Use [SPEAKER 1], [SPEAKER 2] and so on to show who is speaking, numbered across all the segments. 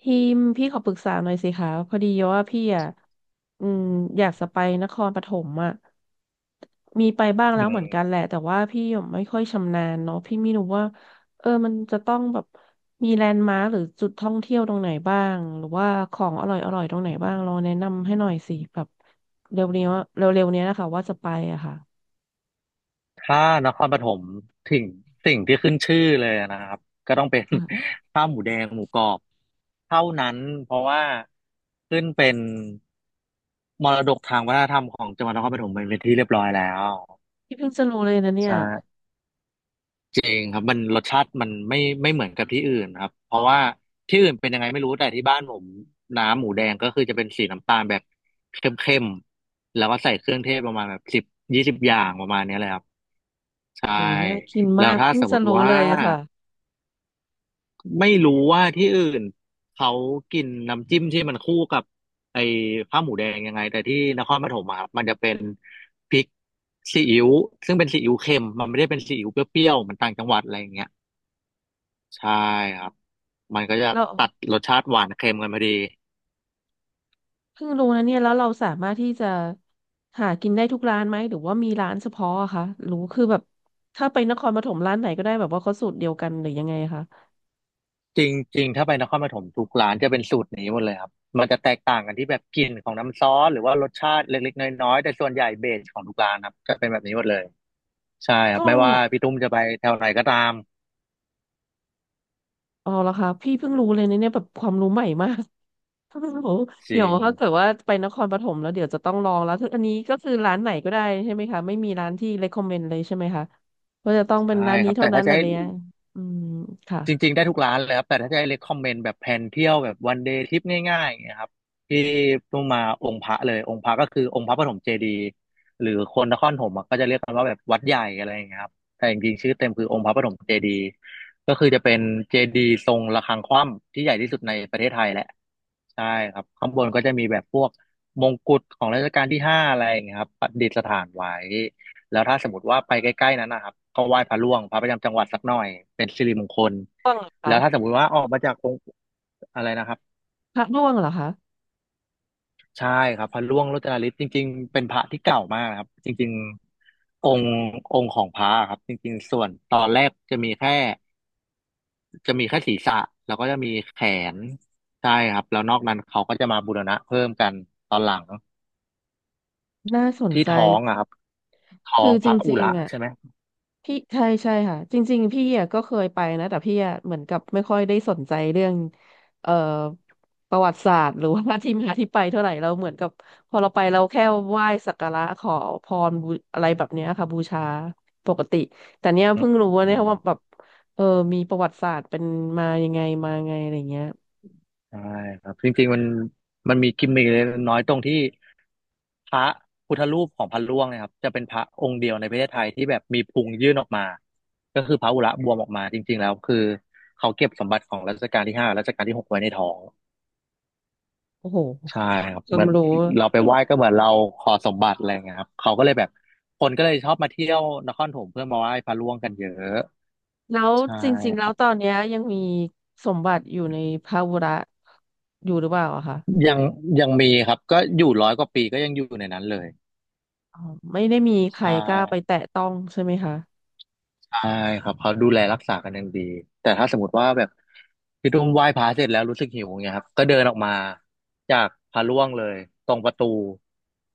[SPEAKER 1] ทีมพี่ขอปรึกษาหน่อยสิคะพอดีว่าพี่อ่ะอืมอยากจะไปนครปฐมอ่ะมีไปบ้าง
[SPEAKER 2] อื
[SPEAKER 1] แล้วเหมือนกัน
[SPEAKER 2] ม
[SPEAKER 1] แหละแต่ว่าพี่ไม่ค่อยชำนาญเนาะพี่ไม่รู้ว่ามันจะต้องแบบมีแลนด์มาร์คหรือจุดท่องเที่ยวตรงไหนบ้างหรือว่าของอร่อยอร่อยตรงไหนบ้างลองแนะนำให้หน่อยสิแบบเร็วเนี้ยเร็วๆเนี้ยนะคะว่าจะไปอะค่ะ
[SPEAKER 2] ถ้านครปฐมถึงสิ่งที่ขึ้นชื่อเลยนะครับก็ต้องเป็น
[SPEAKER 1] ค่ะ
[SPEAKER 2] ข้าวหมูแดงหมูกรอบเท่านั้นเพราะว่าขึ้นเป็นมรดกทางวัฒนธรรมของจังหวัดนครปฐมไปเป็นที่เรียบร้อยแล้ว
[SPEAKER 1] พี่เพิ่งจะรู้เลยนะเนี่ย
[SPEAKER 2] ใช่จริงครับมันรสชาติมันไม่เหมือนกับที่อื่นครับเพราะว่าที่อื่นเป็นยังไงไม่รู้แต่ที่บ้านผมน้ำหมูแดงก็คือจะเป็นสีน้ำตาลแบบเข้มๆแล้วก็ใส่เครื่องเทศประมาณแบบสิบยี่สิบอย่างประมาณเนี้ยเลยครับ ใช่
[SPEAKER 1] โหน่ากิน
[SPEAKER 2] แล้
[SPEAKER 1] มา
[SPEAKER 2] ว
[SPEAKER 1] ก
[SPEAKER 2] ถ้า
[SPEAKER 1] เพิ่ง
[SPEAKER 2] สมม
[SPEAKER 1] จะ
[SPEAKER 2] ติ
[SPEAKER 1] รู้
[SPEAKER 2] ว่า
[SPEAKER 1] เลยอะค่ะ
[SPEAKER 2] ไม่รู้ว่าที่อื่นเขากินน้ำจิ้มที่มันคู่กับไอ้ข้าวหมูแดงยังไงแต่ที่นครปฐมอะมันจะเป็นพริกซีอิ๊วซึ่งเป็นซีอิ๊วเค็มมันไม่ได้เป็นซีอิ๊วเปรี้ยวๆเหมันต่างจังหวัดอะไรอย่างเงี้ยใช่ครับมันก็จะ
[SPEAKER 1] แล้ว
[SPEAKER 2] ตัดรสชาติหวานเค็มกันพอดี
[SPEAKER 1] เพิ่งรู้นะเนี่ยแล้วเราสามารถที่จะหากินได้ทุกร้านไหมหรือว่ามีร้านเฉพาะอะคะหรือคือแบบถ้าไปนครปฐมร้านไหนก็ได้แบบว่าเขาสูตรเดียวกันหรือยังไงคะ
[SPEAKER 2] จริงๆถ้าไปนครปฐมทุกร้านจะเป็นสูตรนี้หมดเลยครับมันจะแตกต่างกันที่แบบกลิ่นของน้ำซอสหรือว่ารสชาติเล็กๆน้อยๆแต่ส่วนใหญ่เบสของทุกร้านครับจะเป็นแบบนี้หมดเลย ใช่ครับ
[SPEAKER 1] ต่ว
[SPEAKER 2] ไม่
[SPEAKER 1] ง
[SPEAKER 2] ว่า
[SPEAKER 1] นหะ
[SPEAKER 2] พี่ตุ้มจะไปแถวไหนก็ตาม
[SPEAKER 1] อ๋อเหรอคะพี่เพิ่งรู้เลยนะเนี่ยแบบความรู้ใหม่มาก โอ้โห
[SPEAKER 2] จ
[SPEAKER 1] เดี๋
[SPEAKER 2] ริ
[SPEAKER 1] ยว
[SPEAKER 2] ง
[SPEAKER 1] ถ้าเกิดว่าไปนครปฐมแล้วเดี๋ยวจะต้องลองแล้วคืออันนี้ก็คือร้านไหนก็ได้ใช่ไหมคะไม่มีร้านที่ recommend เลยใช่ไหมคะว่าจะต้องเป็น
[SPEAKER 2] ใช่
[SPEAKER 1] ร้าน
[SPEAKER 2] ค
[SPEAKER 1] นี้
[SPEAKER 2] รับ
[SPEAKER 1] เท่า
[SPEAKER 2] แต่
[SPEAKER 1] นั้
[SPEAKER 2] ถ้า
[SPEAKER 1] น
[SPEAKER 2] จะ
[SPEAKER 1] อะ
[SPEAKER 2] ให้
[SPEAKER 1] ไรเนี่ยอืมค่ะ
[SPEAKER 2] จริงๆได้ทุกร้านเลยครับแต่ถ้าจะให้ recommend แบบแผนเที่ยวแบบ one day trip ง่ายๆอย่างเงี้ยครับที่ต้องมาองค์พระเลยองค์พระก็คือองค์พระปฐมเจดีย์หรือคนนครปฐมอะก็จะเรียกกันว่าแบบวัดใหญ่อะไรอย่างเงี้ยครับแต่จริงๆชื่อเต็มคือองค์พระปฐมเจดีย์ก็คือจะเป็นเจดีย์ทรงระฆังคว่ำที่ใหญ่ที่สุดในประเทศไทยแหละใช่ครับข้างบนก็จะมีแบบพวกมงกุฎของรัชกาลที่ห้าอะไรอย่างเงี้ยครับประดิษฐานไว้แล้วถ้าสมมติว่าไปใกล้ๆนั้นนะครับก็ไหว้พระร่วงพระประจำจังหวัดสักหน่อยเป็นสิริมงคล
[SPEAKER 1] ร่วงเหรอคะ
[SPEAKER 2] แล้วถ้าสมมุติว่าออกมาจากองค์อะไรนะครับ
[SPEAKER 1] พระร่วงเหรอคะ
[SPEAKER 2] ใช่ครับพระร่วงโรจนฤทธิ์จริงๆเป็นพระที่เก่ามากนะครับจริงๆองค์ของพระครับจริงๆส่วนตอนแรกจะมีแค่ศีรษะแล้วก็จะมีแขนใช่ครับแล้วนอกนั้นเขาก็จะมาบูรณะเพิ่มกันตอนหลัง
[SPEAKER 1] น่าสน
[SPEAKER 2] ที่
[SPEAKER 1] ใจ
[SPEAKER 2] ท้องอะครับท้อ
[SPEAKER 1] คื
[SPEAKER 2] ง
[SPEAKER 1] อ
[SPEAKER 2] พ
[SPEAKER 1] จ
[SPEAKER 2] ระอุ
[SPEAKER 1] ริง
[SPEAKER 2] ระ
[SPEAKER 1] ๆอ่ะ
[SPEAKER 2] ใช่ไหม
[SPEAKER 1] พี่ใช่ใช่ค่ะจริงๆพี่อ่ะก็เคยไปนะแต่พี่อ่ะเหมือนกับไม่ค่อยได้สนใจเรื่องเอ่อประวัติศาสตร์หรือว่าที่มาที่ไปเท่าไหร่เราเหมือนกับพอเราไปเราแค่ไหว้สักการะขอพรบูอะไรแบบเนี้ยค่ะบูชาปกติแต่เนี้ย
[SPEAKER 2] อืม
[SPEAKER 1] เพิ่งรู้ว่า
[SPEAKER 2] อื
[SPEAKER 1] เนี่ย
[SPEAKER 2] ม
[SPEAKER 1] ว่าแบบเออมีประวัติศาสตร์เป็นมายังไงมาไงอะไรเงี้ย
[SPEAKER 2] ใช่ครับจริงๆมันมีกิมมิคเล็กน้อยตรงที่ พระพุทธรูปของพระร่วงเนะครับจะเป็นพระองค์เดียวในประเทศไทยที่แบบมีพุงยื่นออกมาก็คือพระอุระบวมออกมาจริงๆแล้วคือเขาเก็บสมบัติของรัชกาลที่ห้ารัชกาลที่หกไว้ในท้อง
[SPEAKER 1] โอ้โห
[SPEAKER 2] ใช่ครับ
[SPEAKER 1] ควา
[SPEAKER 2] เหมื
[SPEAKER 1] ม
[SPEAKER 2] อน
[SPEAKER 1] รู้
[SPEAKER 2] เราไปไหว้ก็เหมือนเราขอสมบัติอะไรเงี้ยครับเขาก็เลยแบบคนก็เลยชอบมาเที่ยวนครปฐมเพื่อมาไหว้พระร่วงกันเยอะ
[SPEAKER 1] แล้ว
[SPEAKER 2] ใช่
[SPEAKER 1] จริงๆ
[SPEAKER 2] ค
[SPEAKER 1] แล้ว
[SPEAKER 2] รับ
[SPEAKER 1] ตอนเนี้ยยังมีสมบัติอยู่ในพระวุระอยู่หรือเปล่าอะคะ
[SPEAKER 2] ยังยังมีครับก็อยู่ร้อยกว่าปีก็ยังอยู่ในนั้นเลย
[SPEAKER 1] อ๋อไม่ได้มีใคร
[SPEAKER 2] ใช่
[SPEAKER 1] กล้าไปแตะต้องใช่ไหมคะ
[SPEAKER 2] ใช่ครับเขาดูแลรักษากันอย่างดีแต่ถ้าสมมติว่าแบบพี่ตุ้มไหว้พระเสร็จแล้วรู้สึกหิวอย่างเงี้ยครับก็เดินออกมาจากพระร่วงเลยตรงประตู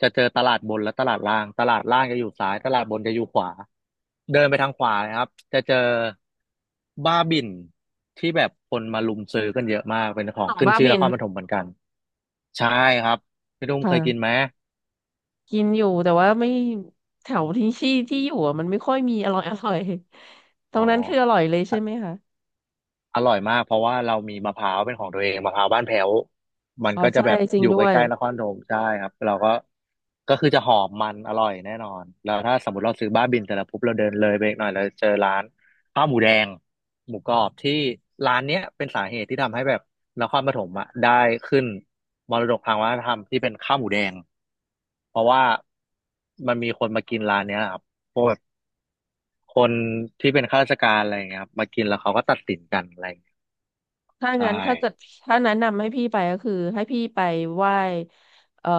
[SPEAKER 2] จะเจอตลาดบนและตลาดล่างตลาดล่างจะอยู่ซ้ายตลาดบนจะอยู่ขวาเดินไปทางขวานะครับจะเจอบ้าบิ่นที่แบบคนมาลุมซื้อกันเยอะมากเป็นขอ
[SPEAKER 1] หน
[SPEAKER 2] ง
[SPEAKER 1] อง
[SPEAKER 2] ขึ้น
[SPEAKER 1] บ้า
[SPEAKER 2] ชื่อ
[SPEAKER 1] บิ
[SPEAKER 2] น
[SPEAKER 1] น
[SPEAKER 2] ครปฐมเหมือนกันใช่ครับพี่ตุ้มเคยกินไห
[SPEAKER 1] ค่ะ
[SPEAKER 2] ม
[SPEAKER 1] กินอยู่แต่ว่าไม่แถวที่อยู่อะมันไม่ค่อยมีอร่อย อร่อยตร
[SPEAKER 2] อ๋อ
[SPEAKER 1] งนั้นคืออร่อยเลยใช่ไหมคะ
[SPEAKER 2] อร่อยมากเพราะว่าเรามีมะพร้าวเป็นของตัวเองมะพร้าวบ้านแพ้วมัน
[SPEAKER 1] อ๋อ
[SPEAKER 2] ก็จะ
[SPEAKER 1] ใช่
[SPEAKER 2] แบบ
[SPEAKER 1] จริ
[SPEAKER 2] อ
[SPEAKER 1] ง
[SPEAKER 2] ยู่
[SPEAKER 1] ด้
[SPEAKER 2] ใก
[SPEAKER 1] วย
[SPEAKER 2] ล้ๆนครธมใช่ครับเราก็คือจะหอมมันอร่อยแน่นอนแล้วถ้าสมมติเราซื้อบ้าบินเสร็จแล้วปุ๊บเราเดินเลยไปอีกหน่อยเราเจอร้านข้าวหมูแดงหมูกรอบที่ร้านเนี้ยเป็นสาเหตุที่ทำให้แบบนครปฐมอ่ะได้ขึ้นมรดกทางวัฒนธรรมที่เป็นข้าวหมูแดงเพราะว่ามันมีคนมากินร้านเนี้ยครับพวกแบบคนที่เป็นข้าราชการอะไรอย่างเงี้ยครับมากินแล้วเขาก็ตัดสินกันอะไร
[SPEAKER 1] ถ้า
[SPEAKER 2] ใช่
[SPEAKER 1] งั้นถ้าเกิดถ้าแนะนำให้พี่ไปก็คือให้พี่ไปไหว้เอ่อ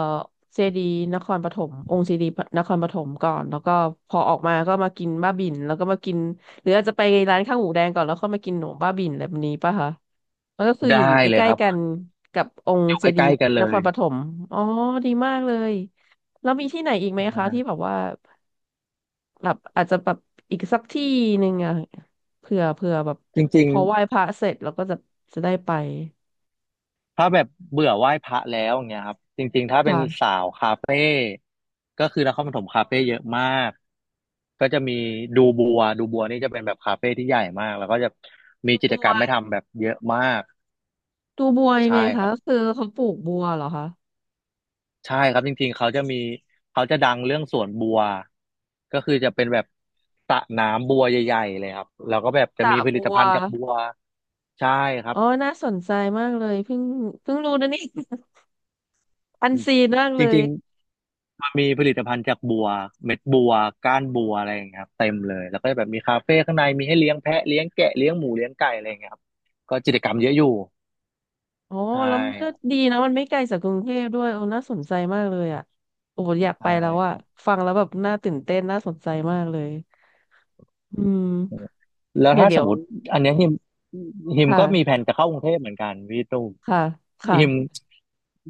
[SPEAKER 1] เจดีย์นครปฐมองค์เจดีย์นครปฐมก่อนแล้วก็พอออกมาก็มากินบ้าบิ่นแล้วก็มากินหรืออาจจะไปร้านข้าวหมูแดงก่อนแล้วค่อยมากินหนมบ้าบิ่นแบบนี้ป่ะคะมันก็คืออ
[SPEAKER 2] ได้
[SPEAKER 1] ยู่อยู่ใก
[SPEAKER 2] เลย
[SPEAKER 1] ล้
[SPEAKER 2] ครั
[SPEAKER 1] ๆกัน
[SPEAKER 2] บ
[SPEAKER 1] กับอง
[SPEAKER 2] อ
[SPEAKER 1] ค์
[SPEAKER 2] ยู่
[SPEAKER 1] เจดี
[SPEAKER 2] ใก
[SPEAKER 1] ย์
[SPEAKER 2] ล้ๆกันเล
[SPEAKER 1] นค
[SPEAKER 2] ย
[SPEAKER 1] รปฐมอ๋อดีมากเลยแล้วมีที่ไหนอีกไหมคะที่แบบว่าแบบอาจจะแบบอีกสักที่หนึ่งอะเผื่อแบบ
[SPEAKER 2] จริ
[SPEAKER 1] พ
[SPEAKER 2] ง
[SPEAKER 1] อไหว้พระเสร็จเราก็จะจะได้ไป
[SPEAKER 2] ๆถ้าแบบเบื่อไหว้พระแล้วอย่างเงี้ยครับจริงๆถ้าเป็น
[SPEAKER 1] ค่ะ
[SPEAKER 2] สาวคาเฟ่ก็คือนครปฐมคาเฟ่เยอะมากก็จะมีดูบัวดูบัวนี่จะเป็นแบบคาเฟ่ที่ใหญ่มากแล้วก็จะมี
[SPEAKER 1] ดู
[SPEAKER 2] กิ
[SPEAKER 1] บั
[SPEAKER 2] จก
[SPEAKER 1] ว
[SPEAKER 2] รรมให้ทำแบบเยอะมาก
[SPEAKER 1] ดูบัวยัง
[SPEAKER 2] ใช่
[SPEAKER 1] ไง
[SPEAKER 2] ค
[SPEAKER 1] คะ
[SPEAKER 2] รับ
[SPEAKER 1] ก็คือเขาปลูกบัวเหรอคะ
[SPEAKER 2] ใช่ครับจริงๆเขาจะดังเรื่องสวนบัวก็คือจะเป็นแบบสระน้ำบัวใหญ่ๆเลยครับแล้วก็แบบ
[SPEAKER 1] ส
[SPEAKER 2] จะ
[SPEAKER 1] ระ
[SPEAKER 2] มีผลิ
[SPEAKER 1] บั
[SPEAKER 2] ต
[SPEAKER 1] ว
[SPEAKER 2] ภัณฑ์จากบัวใช่ครั
[SPEAKER 1] อ๋
[SPEAKER 2] บ
[SPEAKER 1] อน่าสนใจมากเลยเพิ่งรู้นะนี่ อัน
[SPEAKER 2] อืม
[SPEAKER 1] ซีนมาก
[SPEAKER 2] จ
[SPEAKER 1] เลย
[SPEAKER 2] ริงๆมันมีผลิตภัณฑ์จากบัวเม็ดบัวก้านบัวอะไรอย่างเงี้ยครับเต็มเลยแล้วก็แบบมีคาเฟ่ข้างในมีให้เลี้ยงแพะเลี้ยงแกะเลี้ยงหมูเลี้ยงไก่อะไรอย่างเงี้ยครับก็กิจกรรมเยอะอยู่
[SPEAKER 1] อ๋อ
[SPEAKER 2] ใช่
[SPEAKER 1] แล้วมัน
[SPEAKER 2] ค
[SPEAKER 1] ก็
[SPEAKER 2] รับ
[SPEAKER 1] ดีนะมันไม่ไกลจากกรุงเทพด้วยโอ้น่าสนใจมากเลยอ่ะโอ้อยากไป
[SPEAKER 2] ใช่
[SPEAKER 1] แล้ว
[SPEAKER 2] ค
[SPEAKER 1] อ่ะ
[SPEAKER 2] รับ
[SPEAKER 1] ฟังแล้วแบบน่าตื่นเต้นน่าสนใจมากเลยอืม
[SPEAKER 2] แล้ว
[SPEAKER 1] เดี๋ยว
[SPEAKER 2] ถ้าส
[SPEAKER 1] เดี๋ย
[SPEAKER 2] ม
[SPEAKER 1] ว
[SPEAKER 2] มติอันเนี้ยฮิมก็มี
[SPEAKER 1] ค่ะ
[SPEAKER 2] แผนจะเข้ากรุงเทพเหมือนกันพี่ตุ้ม
[SPEAKER 1] ค่ะค่ะ
[SPEAKER 2] ฮิม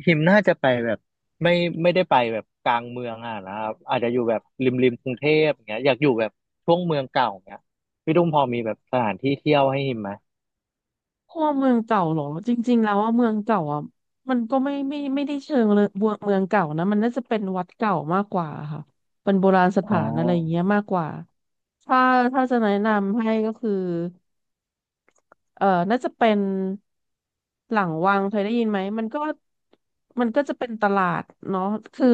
[SPEAKER 2] ฮิมน่าจะไปแบบไม่ไม่ได้ไปแบบกลางเมืองอ่ะนะครับอาจจะอยู่แบบริมกรุงเทพอย่างเงี้ยอยากอยู่แบบช่วงเมืองเก่าอย่างเงี้ยพี่ตุ้มพอมีแบบสถานที่เที่ยวให้ฮิมไหม
[SPEAKER 1] พวกเมืองเก่าเหรอจริงๆแล้วว่าเมืองเก่าอ่ะมันก็ไม่ได้เชิงเลยเมืองเก่านะมันน่าจะเป็นวัดเก่ามากกว่าค่ะเป็นโบราณสถา
[SPEAKER 2] อ่า
[SPEAKER 1] นอะไรอย่างเงี้ยมากกว่าถ้าถ้าจะแนะนำให้ก็คือ น่าจะเป็นหลังวังเคยได้ยินไหมมันก็มันก็จะเป็นตลาดเนาะคือ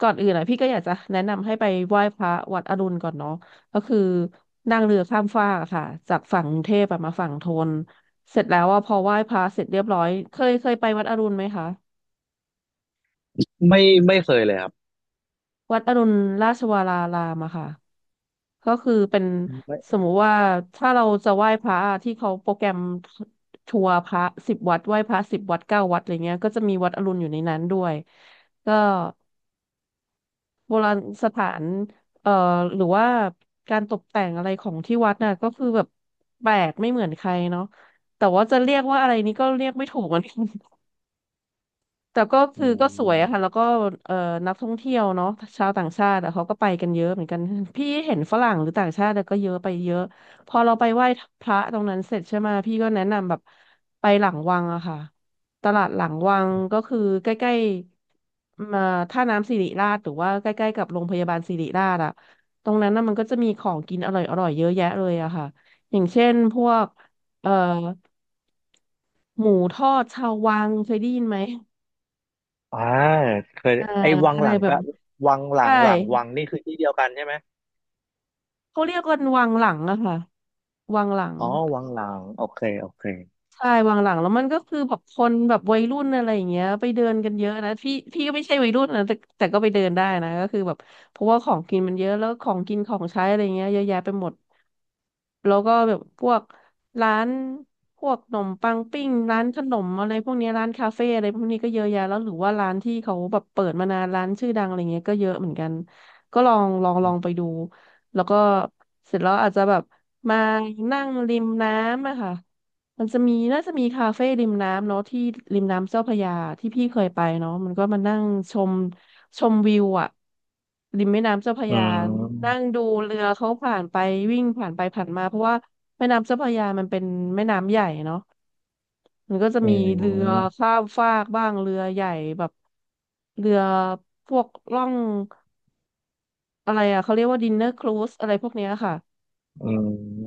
[SPEAKER 1] ก่อนอื่นอ่ะพี่ก็อยากจะแนะนำให้ไปไหว้พระวัดอรุณก่อนเนาะก็คือนั่งเรือข้ามฟากอะค่ะจากฝั่งกรุงเทพอะมาฝั่งธนเสร็จแล้วอ่ะพอไหว้พระเสร็จเรียบร้อยเคยไปวัดอรุณไหมคะ
[SPEAKER 2] ไม่ไม่เคยเลยครับ
[SPEAKER 1] วัดอรุณราชวรารามอะค่ะ ก็คือเป็น
[SPEAKER 2] ไม่
[SPEAKER 1] สมมุติว่าถ้าเราจะไหว้พระที่เขาโปรแกรมทัวร์พระสิบวัดไหว้พระสิบวัดเก้าวัดอะไรเงี้ยก็จะมีวัดอรุณอยู่ในนั้นด้วยก็โบราณสถานเอ่อหรือว่าการตกแต่งอะไรของที่วัดน่ะก็คือแบบแปลกไม่เหมือนใครเนาะแต่ว่าจะเรียกว่าอะไรนี้ก็เรียกไม่ถูกเหมือนกัน แต่ก็
[SPEAKER 2] อื
[SPEAKER 1] คือก็สวยอะค่ะแล้ว
[SPEAKER 2] ม
[SPEAKER 1] ก็เอ่อนักท่องเที่ยวเนาะชาวต่างชาติอะเขาก็ไปกันเยอะเหมือนกันพี่เห็นฝรั่งหรือต่างชาติอะก็เยอะไปเยอะพอเราไปไหว้พระตรงนั้นเสร็จใช่ไหมพี่ก็แนะนำแบบไปหลังวังอะค่ะตลาดหลังวังก็คือใกล้ๆมาท่าน้ำสิริราชหรือว่าใกล้ๆกับโรงพยาบาลสิริราชอะตรงนั้นน่ะมันก็จะมีของกินอร่อยๆเยอะแยะเลยอะค่ะอย่างเช่นพวกเอ่อหมูทอดชาววังเคยได้ยินไหม
[SPEAKER 2] อ่าเคย
[SPEAKER 1] เอ่อ
[SPEAKER 2] ไอ้วัง
[SPEAKER 1] อะ
[SPEAKER 2] ห
[SPEAKER 1] ไร
[SPEAKER 2] ลัง
[SPEAKER 1] แบ
[SPEAKER 2] ก็
[SPEAKER 1] บ
[SPEAKER 2] วังหลั
[SPEAKER 1] ใช่
[SPEAKER 2] งหลังวังนี่คือที่เดียวกันใช่ไหม
[SPEAKER 1] เขาเรียกกันวังหลังอะค่ะวังหลัง
[SPEAKER 2] อ๋อวังหลังโอเคโอเค
[SPEAKER 1] ใช่วางหลังแล้วมันก็คือแบบคนแบบวัยรุ่นอะไรอย่างเงี้ยไปเดินกันเยอะนะ พี่ก็ไม่ใช่วัยรุ่นนะแต่ก็ไปเดินได้นะก็คือแบบเพราะว่าของกินมันเยอะ แล้วของกินของใช้อะไรเงี้ยเยอะแยะไปหมด แล้วก็แบบพวกร้านพวกขนมปังปิ้งร้านขนมอะไรพวกเนี้ยร้านคาเฟ่อะไรพวกนี้ก็เยอะแยะแล้วหรือว่าร้านที่เขาแบบเปิดมานานร้านชื่อดังอะไรเงี้ยก็เยอะเหมือนกัน ก็ลองไปดูแล้วก็เสร็จแล้วอาจจะแบบมานั่งริมน้ำอะค่ะ มันจะมีน่าจะมีคาเฟ่ริมน้ำเนาะที่ริมน้ำเจ้าพระยาที่พี่เคยไปเนาะมันก็มานั่งชมชมวิวอะริมแม่น้ำเจ้าพระ
[SPEAKER 2] อื
[SPEAKER 1] ยานั่ง
[SPEAKER 2] ม
[SPEAKER 1] ดูเรือเขาผ่านไปวิ่งผ่านไปผ่านมาเพราะว่าแม่น้ำเจ้าพระยามันเป็นแม่น้ำใหญ่เนาะมันก็จะ
[SPEAKER 2] อื
[SPEAKER 1] มีเรือ
[SPEAKER 2] ม
[SPEAKER 1] ข้ามฟากบ้างเรือใหญ่แบบเรือพวกล่องอะไรอะเขาเรียกว่าดินเนอร์ครูซอะไรพวกเนี้ยค่ะ
[SPEAKER 2] อื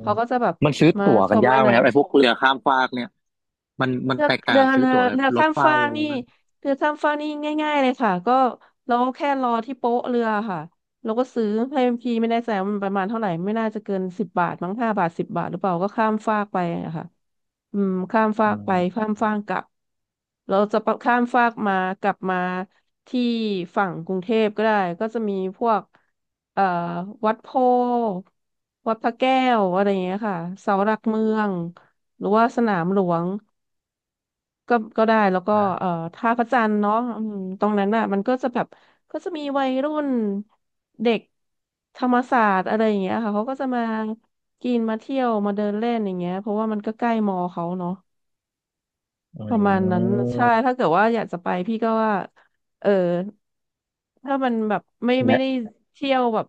[SPEAKER 1] เขาก็จะแบบ
[SPEAKER 2] มันซื้อ
[SPEAKER 1] มา
[SPEAKER 2] ตั๋ว
[SPEAKER 1] ช
[SPEAKER 2] กัน
[SPEAKER 1] มแม่
[SPEAKER 2] ยากไหมครั
[SPEAKER 1] น้ำ
[SPEAKER 2] บไอ้พวกเรือข้ามฟากเนี่ยมัน
[SPEAKER 1] เรือ
[SPEAKER 2] แตก
[SPEAKER 1] เรื
[SPEAKER 2] ต่าง
[SPEAKER 1] อ
[SPEAKER 2] ซื้อ
[SPEAKER 1] เรือ
[SPEAKER 2] ตั๋วแบบ
[SPEAKER 1] เรือ
[SPEAKER 2] ร
[SPEAKER 1] ข้า
[SPEAKER 2] ถ
[SPEAKER 1] ม
[SPEAKER 2] ไฟ
[SPEAKER 1] ฟาก
[SPEAKER 2] อะไร
[SPEAKER 1] นี่
[SPEAKER 2] บ้าง
[SPEAKER 1] เรือข้ามฟากนี่ง่ายๆเลยค่ะก็เราก็แค่รอที่โป๊ะเรือค่ะเราก็ซื้อให้พี่ไม่ได้แสงมันประมาณเท่าไหร่ไม่น่าจะเกินสิบบาทมั้ง5 บาทสิบบาทหรือเปล่าก็ข้ามฟากไปอะค่ะอืมข้ามฟา
[SPEAKER 2] อื
[SPEAKER 1] กไป
[SPEAKER 2] ม
[SPEAKER 1] ข้ามฟากกลับเราจะข้ามฟากมากลับมาที่ฝั่งกรุงเทพก็ได้ก็จะมีพวกเอ่อวัดโพธิ์วัดพระแก้วอะไรอย่างเงี้ยค่ะเสาหลักเมืองหรือว่าสนามหลวง ก็ได้แล้วก็
[SPEAKER 2] อะ
[SPEAKER 1] ท่าพระจันทร์เนาะอืมตรงนั้นน่ะมันก็จะแบบก็จะมีวัยรุ่นเด็กธรรมศาสตร์อะไรอย่างเงี้ยค่ะเขาก็จะมากินมาเที่ยวมาเดินเล่นอย่างเงี้ยเพราะว่ามันก็ใกล้มอเขาเนาะ
[SPEAKER 2] อื
[SPEAKER 1] ประมาณนั้นใช่
[SPEAKER 2] ม
[SPEAKER 1] ถ้าเกิดว่าอยากจะไปพี่ก็ว่าเออถ้ามันแบบไม่
[SPEAKER 2] ได้
[SPEAKER 1] ได้เที่ยวแบบ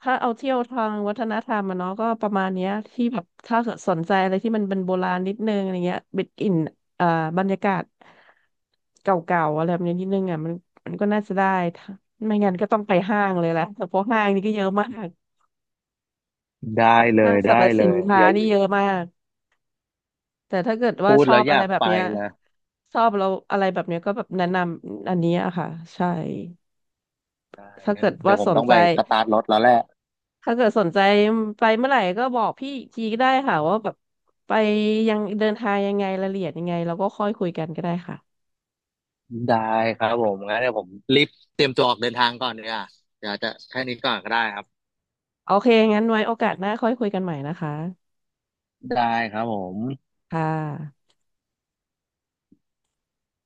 [SPEAKER 1] ถ้าเอาเที่ยวทางวัฒนธรรมอะเนาะก็ประมาณเนี้ยที่แบบถ้าเกิดสนใจอะไรที่มันเป็นโบราณนิดนึงอะไรเงี้ยบิดอินอ่าบรรยากาศเก่าๆอะไรแบบนี้นิดนึงอ่ะมันก็น่าจะได้ถ้าไม่งั้นก็ต้องไปห้างเลยแหละเพราะห้างนี่ก็เยอะมาก
[SPEAKER 2] ได้เล
[SPEAKER 1] ห้าง
[SPEAKER 2] ย
[SPEAKER 1] สรรพ
[SPEAKER 2] ได้
[SPEAKER 1] สิ
[SPEAKER 2] เล
[SPEAKER 1] น
[SPEAKER 2] ย
[SPEAKER 1] ค้า
[SPEAKER 2] อย่า
[SPEAKER 1] นี่เยอะมาก แต่ถ้าเกิดว่า
[SPEAKER 2] พูด
[SPEAKER 1] ชอ
[SPEAKER 2] แล้ว
[SPEAKER 1] บ
[SPEAKER 2] อ
[SPEAKER 1] อะไร
[SPEAKER 2] ยาก
[SPEAKER 1] แบบ
[SPEAKER 2] ไป
[SPEAKER 1] เนี้ย
[SPEAKER 2] เลย
[SPEAKER 1] ชอบเราอะไรแบบเนี้ยก็แบบแนะนำอันนี้อะค่ะใช่
[SPEAKER 2] ได้
[SPEAKER 1] ถ้า
[SPEAKER 2] งั้
[SPEAKER 1] เกิ
[SPEAKER 2] น
[SPEAKER 1] ด
[SPEAKER 2] เดี๋
[SPEAKER 1] ว่า
[SPEAKER 2] ยวผ
[SPEAKER 1] ส
[SPEAKER 2] ม
[SPEAKER 1] น
[SPEAKER 2] ต้อง
[SPEAKER 1] ใจ
[SPEAKER 2] ไปสตาร์ทรถแล้วแหละ
[SPEAKER 1] ถ้าเกิดสนใจไปเมื่อไหร่ก็บอกพี่อีกทีก็ได้ค่ะว่าแบบไปยังเดินทางยังไงรายละเอียดยังไงเราก็ค่อยคุยกันก็ได้ค่ะ
[SPEAKER 2] ได้ครับผมงั้นเดี๋ยวผมรีบเตรียมตัวออกเดินทางก่อนเนี่ยเดี๋ยวจะแค่นี้ก่อนก็ได้ครับ
[SPEAKER 1] โอเคงั้นไว้โอกาสหน้าค่อยคุยกันใหม่นะคะ
[SPEAKER 2] ได้ครับผม
[SPEAKER 1] ค่ะ